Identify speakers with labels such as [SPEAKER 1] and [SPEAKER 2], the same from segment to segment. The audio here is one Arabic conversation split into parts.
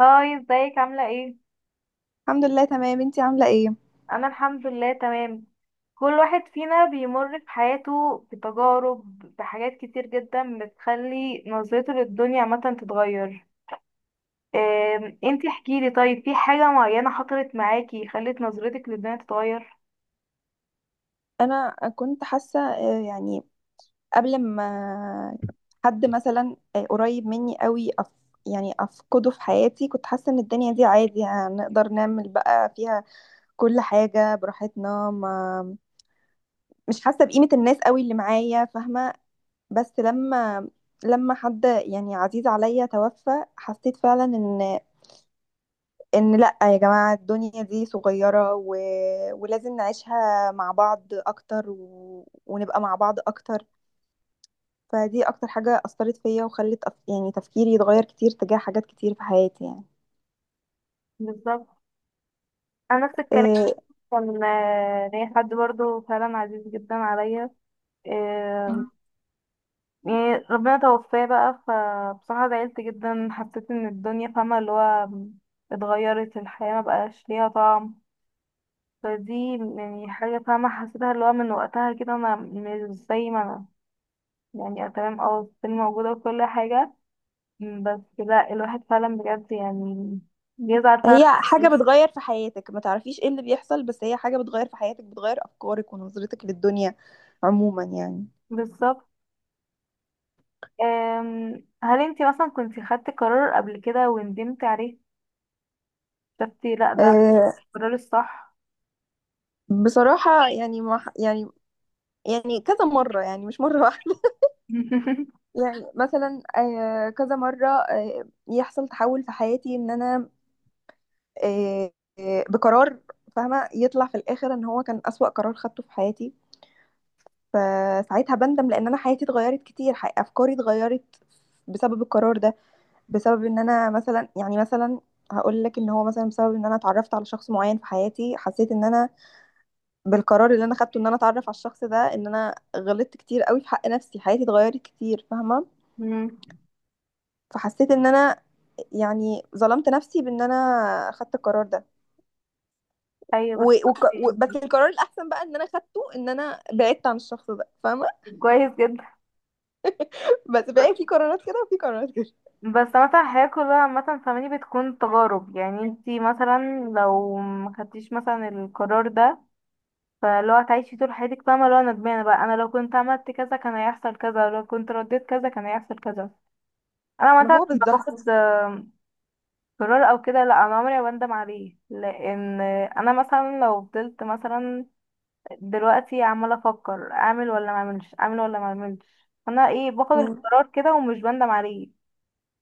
[SPEAKER 1] هاي، ازيك؟ عاملة ايه؟
[SPEAKER 2] الحمد لله، تمام. انتي عاملة ايه؟
[SPEAKER 1] انا الحمد لله تمام. كل واحد فينا بيمر في حياته بتجارب، بحاجات كتير جدا بتخلي نظرته للدنيا عامة تتغير. انتي احكيلي، طيب في حاجة معينة حصلت معاكي خلت نظرتك للدنيا تتغير؟
[SPEAKER 2] انا كنت حاسة، يعني، قبل ما حد مثلا قريب مني قوي، يعني افقده في حياتي. كنت حاسة ان الدنيا دي عادي، يعني هنقدر نعمل بقى فيها كل حاجة براحتنا، ما مش حاسة بقيمة الناس قوي اللي معايا، فاهمة؟ بس لما حد يعني عزيز عليا توفى. حسيت فعلا ان لا، يا جماعة الدنيا دي صغيرة ولازم نعيشها مع بعض اكتر ونبقى مع بعض اكتر. فدي اكتر حاجة اثرت فيا وخلت يعني تفكيري يتغير كتير تجاه حاجات كتير في حياتي، يعني.
[SPEAKER 1] بالظبط، انا نفس الكلام.
[SPEAKER 2] إيه،
[SPEAKER 1] كان ليا حد برضه فعلا عزيز جدا عليا. آه، يعني ربنا توفاه بقى، فبصراحة زعلت جدا، حسيت ان الدنيا فاهمة اللي هو اتغيرت الحياة، ما بقاش ليها طعم. فدي يعني حاجة، فاهمة حسيتها، اللي هو من وقتها كده انا مش زي ما انا يعني أه تمام، اه السن موجودة وكل حاجة، بس لا الواحد فعلا بجد يعني بيزعل
[SPEAKER 2] هي
[SPEAKER 1] فعلا.
[SPEAKER 2] حاجة بتغير في حياتك، ما تعرفيش ايه اللي بيحصل، بس هي حاجة بتغير في حياتك، بتغير افكارك ونظرتك للدنيا عموما، يعني.
[SPEAKER 1] بالظبط. هل انتي مثلا كنتي خدتي قرار قبل كده وندمتي عليه؟ شفتي لا ده
[SPEAKER 2] إيه،
[SPEAKER 1] القرار الصح؟
[SPEAKER 2] بصراحة يعني ما ح- يعني، يعني كذا مرة، يعني مش مرة واحدة. يعني مثلا كذا مرة يحصل تحول في حياتي ان انا، آه، بقرار، فاهمة؟ يطلع في الاخر ان هو كان اسوأ قرار خدته في حياتي. فساعتها بندم لان انا حياتي اتغيرت كتير، افكاري اتغيرت بسبب القرار ده. بسبب ان انا مثلا، يعني مثلا هقول لك ان هو مثلا بسبب ان انا اتعرفت على شخص معين في حياتي. حسيت ان انا بالقرار اللي انا خدته، ان انا اتعرف على الشخص ده، ان انا غلطت كتير قوي في حق نفسي، حياتي اتغيرت كتير، فاهمة؟
[SPEAKER 1] مم.
[SPEAKER 2] فحسيت ان انا يعني ظلمت نفسي بان انا خدت القرار ده.
[SPEAKER 1] ايوه بس يعني
[SPEAKER 2] بس القرار الاحسن بقى ان انا خدته، ان انا بعدت عن الشخص ده، فاهمه؟
[SPEAKER 1] كويس جدا.
[SPEAKER 2] بس بقى في قرارات كده وفي قرارات كده.
[SPEAKER 1] بس مثلا الحياة كلها عامة، فاهماني، بتكون تجارب. يعني انتي مثلا لو ما خدتيش مثلا القرار ده، فلو هتعيشي طول حياتك فاهمة لو انا ندمانة بقى، انا لو كنت عملت كذا كان هيحصل كذا، لو كنت رديت كذا كان هيحصل كذا. انا
[SPEAKER 2] ما
[SPEAKER 1] مثلا
[SPEAKER 2] هو
[SPEAKER 1] لما
[SPEAKER 2] بالظبط.
[SPEAKER 1] باخد قرار او كده لا، انا عمري ما بندم عليه، لان انا مثلا لو فضلت مثلا دلوقتي عمالة افكر اعمل ولا ما اعملش، اعمل ولا ما اعملش، انا ايه؟ باخد
[SPEAKER 2] مم.
[SPEAKER 1] القرار كده ومش بندم عليه.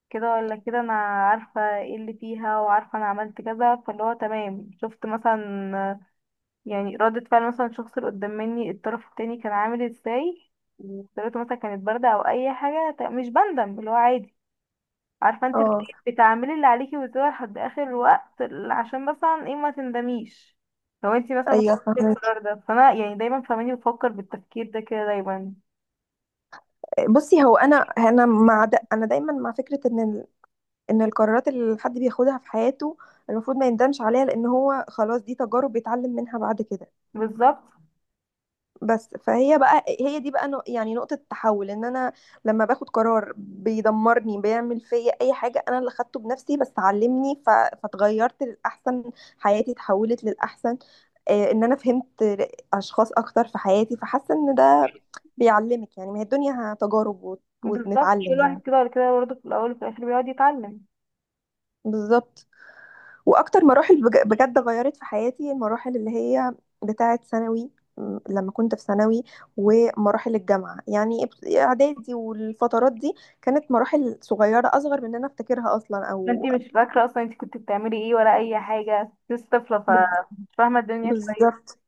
[SPEAKER 1] كده ولا كده انا عارفة ايه اللي فيها، وعارفة انا عملت كذا، فاللي هو تمام. شفت مثلا يعني ردة فعل مثلا الشخص اللي قدام مني الطرف التاني كان عامل ازاي، وطريقته مثلا كانت باردة او اي حاجة، مش بندم، اللي هو عادي. عارفة انت
[SPEAKER 2] اه،
[SPEAKER 1] بتعملي اللي عليكي، وتدور لحد اخر الوقت، عشان مثلا ايه ما تندميش لو انت مثلا ما
[SPEAKER 2] ايوه،
[SPEAKER 1] خدتيش
[SPEAKER 2] فاهمك.
[SPEAKER 1] القرار ده. فانا يعني دايما، فاهماني، بفكر بالتفكير ده كده دايما.
[SPEAKER 2] بصي، هو انا دايما مع فكره ان القرارات اللي حد بياخدها في حياته المفروض ما يندمش عليها، لان هو خلاص دي تجارب بيتعلم منها بعد كده.
[SPEAKER 1] بالظبط.
[SPEAKER 2] بس فهي بقى، هي دي بقى، يعني نقطة التحول ان انا لما باخد قرار بيدمرني، بيعمل فيا اي حاجة، انا اللي خدته بنفسي، بس علمني، فاتغيرت للأحسن. حياتي اتحولت للأحسن، ان انا فهمت اشخاص اكتر في حياتي، فحاسة ان ده بيعلمك. يعني ما هي الدنيا تجارب
[SPEAKER 1] بالظبط، كل
[SPEAKER 2] ونتعلم،
[SPEAKER 1] واحد
[SPEAKER 2] يعني.
[SPEAKER 1] كده ولا كده برضه في الاول وفي الاخر بيقعد يتعلم.
[SPEAKER 2] بالظبط. واكتر مراحل بجد غيرت في حياتي، المراحل اللي هي بتاعه ثانوي. لما كنت في ثانوي ومراحل الجامعه، يعني اعدادي، والفترات دي كانت مراحل صغيره، اصغر من ان انا افتكرها اصلا،
[SPEAKER 1] ما
[SPEAKER 2] او
[SPEAKER 1] انتي مش فاكرة اصلا انتي كنت بتعملي ايه ولا اي حاجة، لسه طفلة فمش
[SPEAKER 2] بز-
[SPEAKER 1] فاهمة الدنيا كويس.
[SPEAKER 2] بالظبط.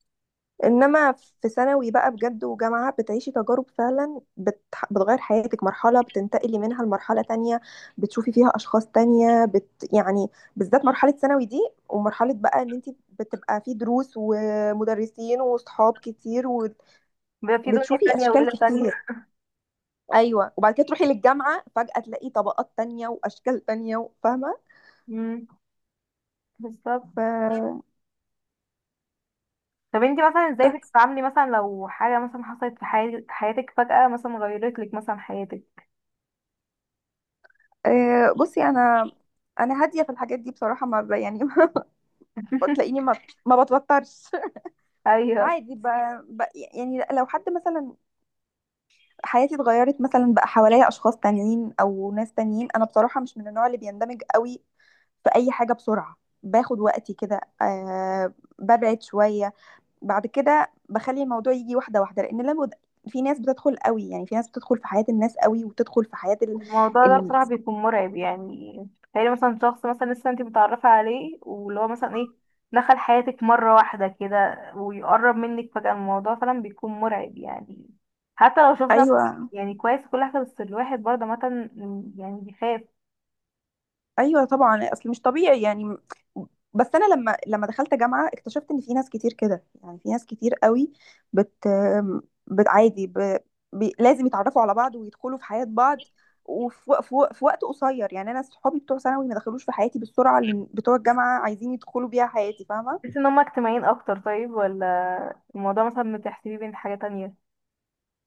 [SPEAKER 2] انما في ثانوي بقى بجد وجامعة، بتعيشي تجارب فعلا بتغير حياتك، مرحلة بتنتقلي منها لمرحلة تانية، بتشوفي فيها اشخاص تانية، يعني. بالذات مرحلة ثانوي دي، ومرحلة بقى ان انت بتبقى في دروس ومدرسين وصحاب كتير،
[SPEAKER 1] بيبقى في دنيا
[SPEAKER 2] وبتشوفي
[SPEAKER 1] تانية
[SPEAKER 2] اشكال
[SPEAKER 1] وليلة تانية.
[SPEAKER 2] كتير. ايوه، وبعد كده تروحي للجامعة فجأة تلاقي طبقات تانية واشكال تانية، فاهمة؟
[SPEAKER 1] امم، بالظبط.
[SPEAKER 2] ف
[SPEAKER 1] طب انتي مثلا ازاي
[SPEAKER 2] بس،
[SPEAKER 1] بتتعاملي مثلا لو حاجة مثلا حصلت في حياتك فجأة مثلا غيرت لك مثلا حياتك؟
[SPEAKER 2] بصي، انا هاديه في الحاجات دي بصراحه، ما ب- يعني. ما تلاقيني، ما بتوترش،
[SPEAKER 1] ايوه.
[SPEAKER 2] عادي، ب... يعني لو حد مثلا حياتي اتغيرت مثلا، بقى حواليا اشخاص تانيين او ناس تانيين، انا بصراحة مش من النوع اللي بيندمج قوي في اي حاجة بسرعة. باخد وقتي كده، ببعد شوية، بعد كده بخلي الموضوع يجي واحدة واحدة، لان لو في ناس بتدخل قوي، يعني في ناس بتدخل في حياة الناس قوي، وتدخل في حياة
[SPEAKER 1] الموضوع ده
[SPEAKER 2] ال...
[SPEAKER 1] بصراحة بيكون مرعب يعني. تخيلي مثلا شخص مثلا لسه انت متعرفة عليه، واللي هو مثلا ايه دخل حياتك مرة واحدة كده ويقرب منك فجأة، الموضوع فعلا بيكون مرعب يعني. حتى لو شخص ده مثلا
[SPEAKER 2] ايوه.
[SPEAKER 1] يعني كويس كل حاجة، بس الواحد برضه مثلا يعني بيخاف.
[SPEAKER 2] ايوه طبعا، اصل مش طبيعي، يعني. بس انا لما دخلت جامعه، اكتشفت ان في ناس كتير كده، يعني في ناس كتير قوي بت عادي، لازم يتعرفوا على بعض ويدخلوا في حياه بعض وفي وق- في وق- في وقت قصير. يعني انا صحابي بتوع ثانوي ما دخلوش في حياتي بالسرعه اللي بتوع الجامعه عايزين يدخلوا بيها حياتي، فاهمه؟
[SPEAKER 1] تحس ان هما اجتماعيين اكتر طيب، ولا الموضوع مثلا بتحسبيه بين حاجة تانية؟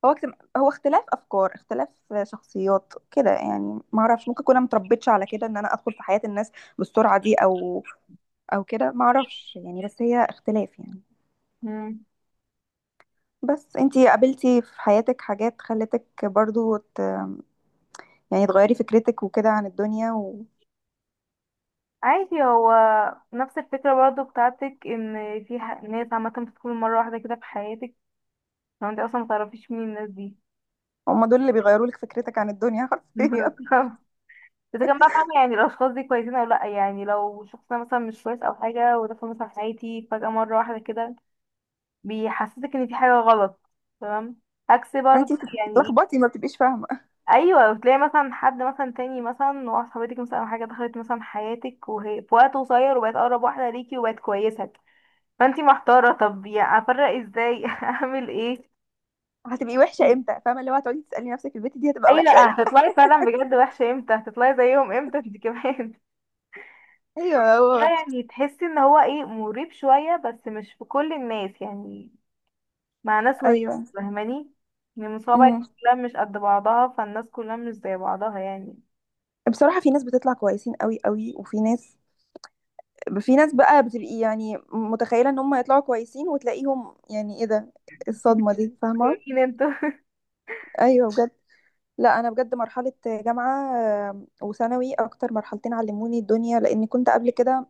[SPEAKER 2] هو اختلاف افكار، اختلاف شخصيات كده، يعني. ما اعرفش، ممكن اكون أنا متربيتش على كده ان انا ادخل في حياه الناس بالسرعه دي، او كده، ما اعرفش، يعني. بس هي اختلاف، يعني.
[SPEAKER 1] مم.
[SPEAKER 2] بس انتي قابلتي في حياتك حاجات خلتك برضو يعني تغيري فكرتك وكده عن الدنيا،
[SPEAKER 1] عادي هو نفس الفكرة برضه بتاعتك، ان في ناس عامة بتكون مرة واحدة كده في حياتك، لو انت اصلا متعرفيش مين الناس دي.
[SPEAKER 2] وهم دول اللي بيغيروا لك فكرتك عن الدنيا حرفيا.
[SPEAKER 1] اذا كان بقى فاهمة يعني الاشخاص دي كويسين او لا، يعني لو شخص ده مثلا مش كويس او حاجة، ودخل مثلا حياتي فجأة مرة واحدة كده، بيحسسك ان في حاجة غلط. تمام، عكس برضه
[SPEAKER 2] انتي
[SPEAKER 1] يعني ايه.
[SPEAKER 2] بتتلخبطي، ما بتبقيش فاهمه،
[SPEAKER 1] ايوه، وتلاقي مثلا حد مثلا تاني مثلا واحدة صاحبتك مثلا او حاجة دخلت مثلا حياتك، وهي في وقت قصير وبقت اقرب واحدة ليكي وبقت كويسة، فانتي محتارة طب يعني افرق ازاي؟ اعمل ايه؟
[SPEAKER 2] هتبقي وحشه امتى، فاهمه؟ اللي هو هتقعدي تسالي نفسك البت دي هتبقى
[SPEAKER 1] ايوه
[SPEAKER 2] وحشه امتى.
[SPEAKER 1] هتطلعي فعلا بجد وحشة امتى، هتطلعي زيهم امتى انت كمان.
[SPEAKER 2] ايوه
[SPEAKER 1] اه
[SPEAKER 2] هو،
[SPEAKER 1] يعني تحس ان هو ايه مريب شوية، بس مش في كل الناس يعني، مع ناس وناس.
[SPEAKER 2] ايوه،
[SPEAKER 1] فاهماني ان المصابة
[SPEAKER 2] امم.
[SPEAKER 1] كلها مش قد بعضها، فالناس كلها مش زي بعضها يعني.
[SPEAKER 2] بصراحه، في ناس بتطلع كويسين قوي قوي، وفي ناس، في ناس بقى بتبقي يعني متخيله ان هم يطلعوا كويسين، وتلاقيهم يعني، ايه ده، الصدمه
[SPEAKER 1] انتوا
[SPEAKER 2] دي، فاهمه؟
[SPEAKER 1] مين انتوا؟
[SPEAKER 2] ايوه. لا، انا بجد مرحله جامعه وثانوي اكتر مرحلتين علموني الدنيا، لاني كنت قبل كده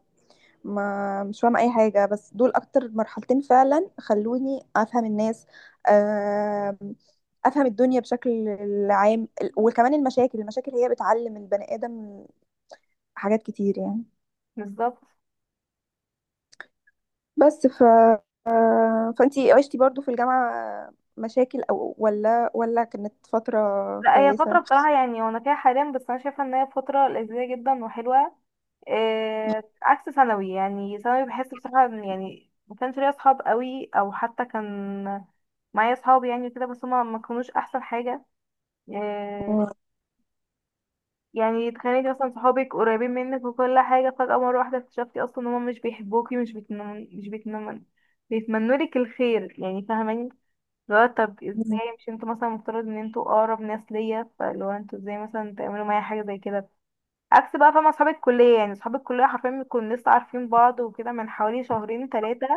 [SPEAKER 2] ما مش فاهمه اي حاجه. بس دول اكتر مرحلتين فعلا خلوني افهم الناس، آم، افهم الدنيا بشكل عام. وكمان المشاكل، المشاكل هي بتعلم البني ادم حاجات كتير، يعني.
[SPEAKER 1] بالظبط.
[SPEAKER 2] بس فانتي عشتي برضو في الجامعه مشاكل، او ولا كانت فتره
[SPEAKER 1] لا هي فترة
[SPEAKER 2] كويسه؟
[SPEAKER 1] بصراحة يعني وانا فيها حاليا، بس انا شايفة ان هي فترة لذيذة جدا وحلوة. إيه عكس ثانوي، يعني ثانوي بحس بصراحة إن يعني ما كانش ليا اصحاب قوي، او حتى كان معايا اصحاب يعني كده بس هما ما كانوش احسن حاجة. آه، يعني اتخانقتي اصلا، صحابك قريبين منك وكل حاجه فجاه مره واحده اكتشفتي اصلا ان هم مش بيحبوكي، مش بيتمنوا، مش بيتمنوا لك الخير يعني، فاهماني اللي هو طب ازاي؟ مش انتوا مثلا مفترض ان انتوا اقرب ناس ليا؟ فاللي هو انتوا ازاي مثلا تعملوا معايا حاجه زي كده؟ عكس بقى، فاهمه، اصحاب الكليه، يعني اصحاب الكليه حرفيا بنكون لسه عارفين بعض وكده من حوالي شهرين ثلاثه،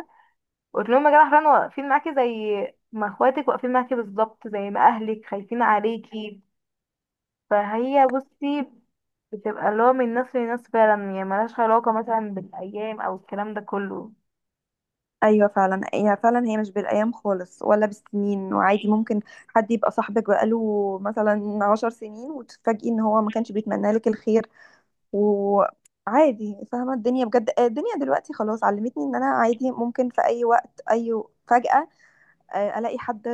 [SPEAKER 1] قلت لهم يا جدع حرفيا واقفين معاكي زي ما اخواتك واقفين معاكي بالظبط، زي ما اهلك خايفين عليكي. فهي بصي بتبقى اللي هو من ناس لناس فعلا يعني، ملهاش علاقة مثلا بالأيام أو الكلام ده كله
[SPEAKER 2] ايوه فعلا، هي فعلا هي مش بالايام خالص ولا بالسنين. وعادي ممكن حد يبقى صاحبك بقاله مثلا 10 سنين، وتتفاجئي ان هو ما كانش بيتمنى لك الخير. وعادي فاهمه، الدنيا بجد الدنيا دلوقتي خلاص علمتني ان انا عادي ممكن في اي وقت، اي فجأة، الاقي حد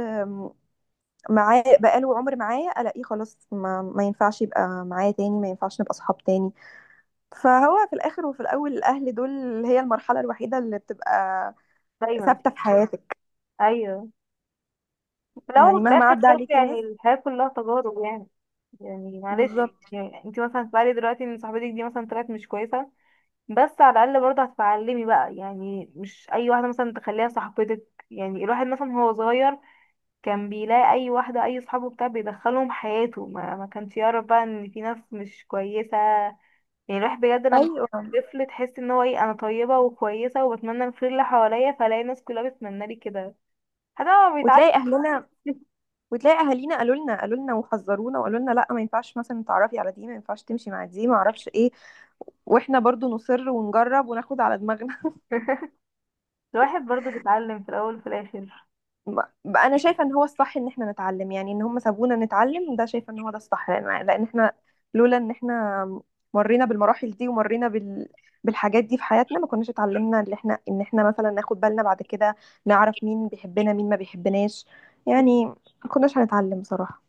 [SPEAKER 2] معاه بقاله عمر معايا، الاقيه خلاص، ما ينفعش يبقى معايا تاني، ما ينفعش نبقى صحاب تاني. فهو في الاخر وفي الاول الاهل دول هي المرحله الوحيده اللي بتبقى
[SPEAKER 1] دايما.
[SPEAKER 2] ثابته في حياتك،
[SPEAKER 1] أيوه، في الأول
[SPEAKER 2] يعني
[SPEAKER 1] وفي
[SPEAKER 2] مهما
[SPEAKER 1] الآخر
[SPEAKER 2] عدى
[SPEAKER 1] برضه
[SPEAKER 2] عليكي
[SPEAKER 1] يعني
[SPEAKER 2] ناس.
[SPEAKER 1] الحياة كلها تجارب يعني. يعني معلش
[SPEAKER 2] بالظبط.
[SPEAKER 1] يعني انتي مثلا هتتعلي دلوقتي ان صاحبتك دي مثلا طلعت مش كويسة، بس على الأقل برضه هتتعلمي بقى يعني مش أي واحدة مثلا تخليها صاحبتك. يعني الواحد مثلا هو صغير كان بيلاقي أي واحدة أي صحابه بتاع بيدخلهم حياته، ما كانش يعرف بقى ان في ناس مش كويسة. يعني الواحد بجد لما
[SPEAKER 2] ايوه،
[SPEAKER 1] طفل تحس ان هو ايه انا طيبة وكويسة وبتمنى الخير اللي حواليا، فلاقي الناس كلها بتتمنى لي كده. حتى هو بيتعلم.
[SPEAKER 2] وتلاقي اهلنا، وتلاقي اهالينا قالوا لنا، وحذرونا، وقالوا لنا لا، ما ينفعش مثلا تعرفي على دي، ما ينفعش تمشي مع دي، ما اعرفش ايه. واحنا برضو نصر ونجرب وناخد على دماغنا.
[SPEAKER 1] الواحد برضه بيتعلم في الاول وفي الاخر.
[SPEAKER 2] انا شايفه ان هو الصح ان احنا نتعلم، يعني ان هم سابونا نتعلم ده. شايفه ان هو ده الصح، لان احنا لولا ان احنا مرينا بالمراحل دي، ومرينا بالحاجات دي في حياتنا، ما كناش اتعلمنا ان احنا، مثلا ناخد بالنا بعد كده، نعرف مين بيحبنا مين ما بيحبناش، يعني ما كناش هنتعلم، بصراحه.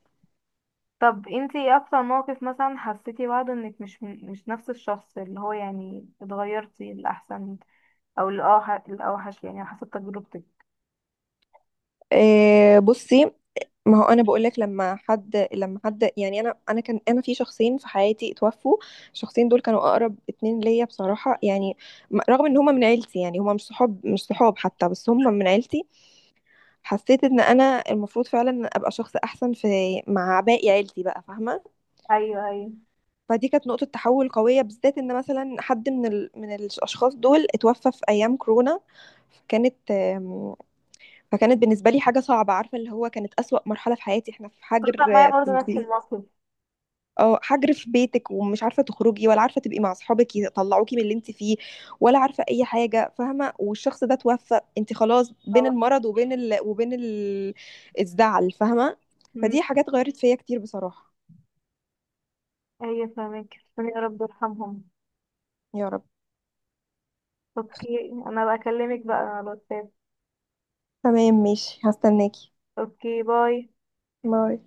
[SPEAKER 1] طب انتي ايه اكتر موقف مثلا حسيتي بعده انك مش مش نفس الشخص، اللي هو يعني اتغيرتي للاحسن او الاوحش؟ الاوحش يعني، على حسب تجربتك.
[SPEAKER 2] إيه، بصي، ما هو انا بقول لك، لما حد يعني انا في شخصين في حياتي اتوفوا. الشخصين دول كانوا اقرب اتنين ليا بصراحه، يعني رغم ان هما من عيلتي، يعني هما مش صحاب مش صحاب حتى، بس هما من عيلتي. حسيت ان انا المفروض فعلا ابقى شخص احسن في، مع باقي عيلتي بقى، فاهمه؟
[SPEAKER 1] ايوه، ايوه،
[SPEAKER 2] فدي كانت نقطه تحول قويه، بالذات ان مثلا حد من من الاشخاص دول اتوفى في ايام كورونا. كانت فكانت بالنسبه لي حاجه صعبه، عارفه، اللي هو كانت اسوأ مرحله في حياتي، احنا في
[SPEAKER 1] حصل
[SPEAKER 2] حجر
[SPEAKER 1] معايا
[SPEAKER 2] في
[SPEAKER 1] برضه نفس
[SPEAKER 2] البيت.
[SPEAKER 1] الموقف.
[SPEAKER 2] اه، حجر في بيتك، ومش عارفه تخرجي، ولا عارفه تبقي مع اصحابك يطلعوكي من اللي انت فيه، ولا عارفه اي حاجه، فاهمه؟ والشخص ده توفى، انت خلاص بين
[SPEAKER 1] أو-
[SPEAKER 2] المرض وبين الزعل، فاهمه؟
[SPEAKER 1] مم،
[SPEAKER 2] فدي حاجات غيرت فيا كتير، بصراحه.
[SPEAKER 1] ايوه فاهمك، ربنا، يا رب يرحمهم.
[SPEAKER 2] يا رب.
[SPEAKER 1] اوكي، انا بكلمك بقى على الواتساب.
[SPEAKER 2] تمام ماشي، هستناكي.
[SPEAKER 1] اوكي، باي.
[SPEAKER 2] باي.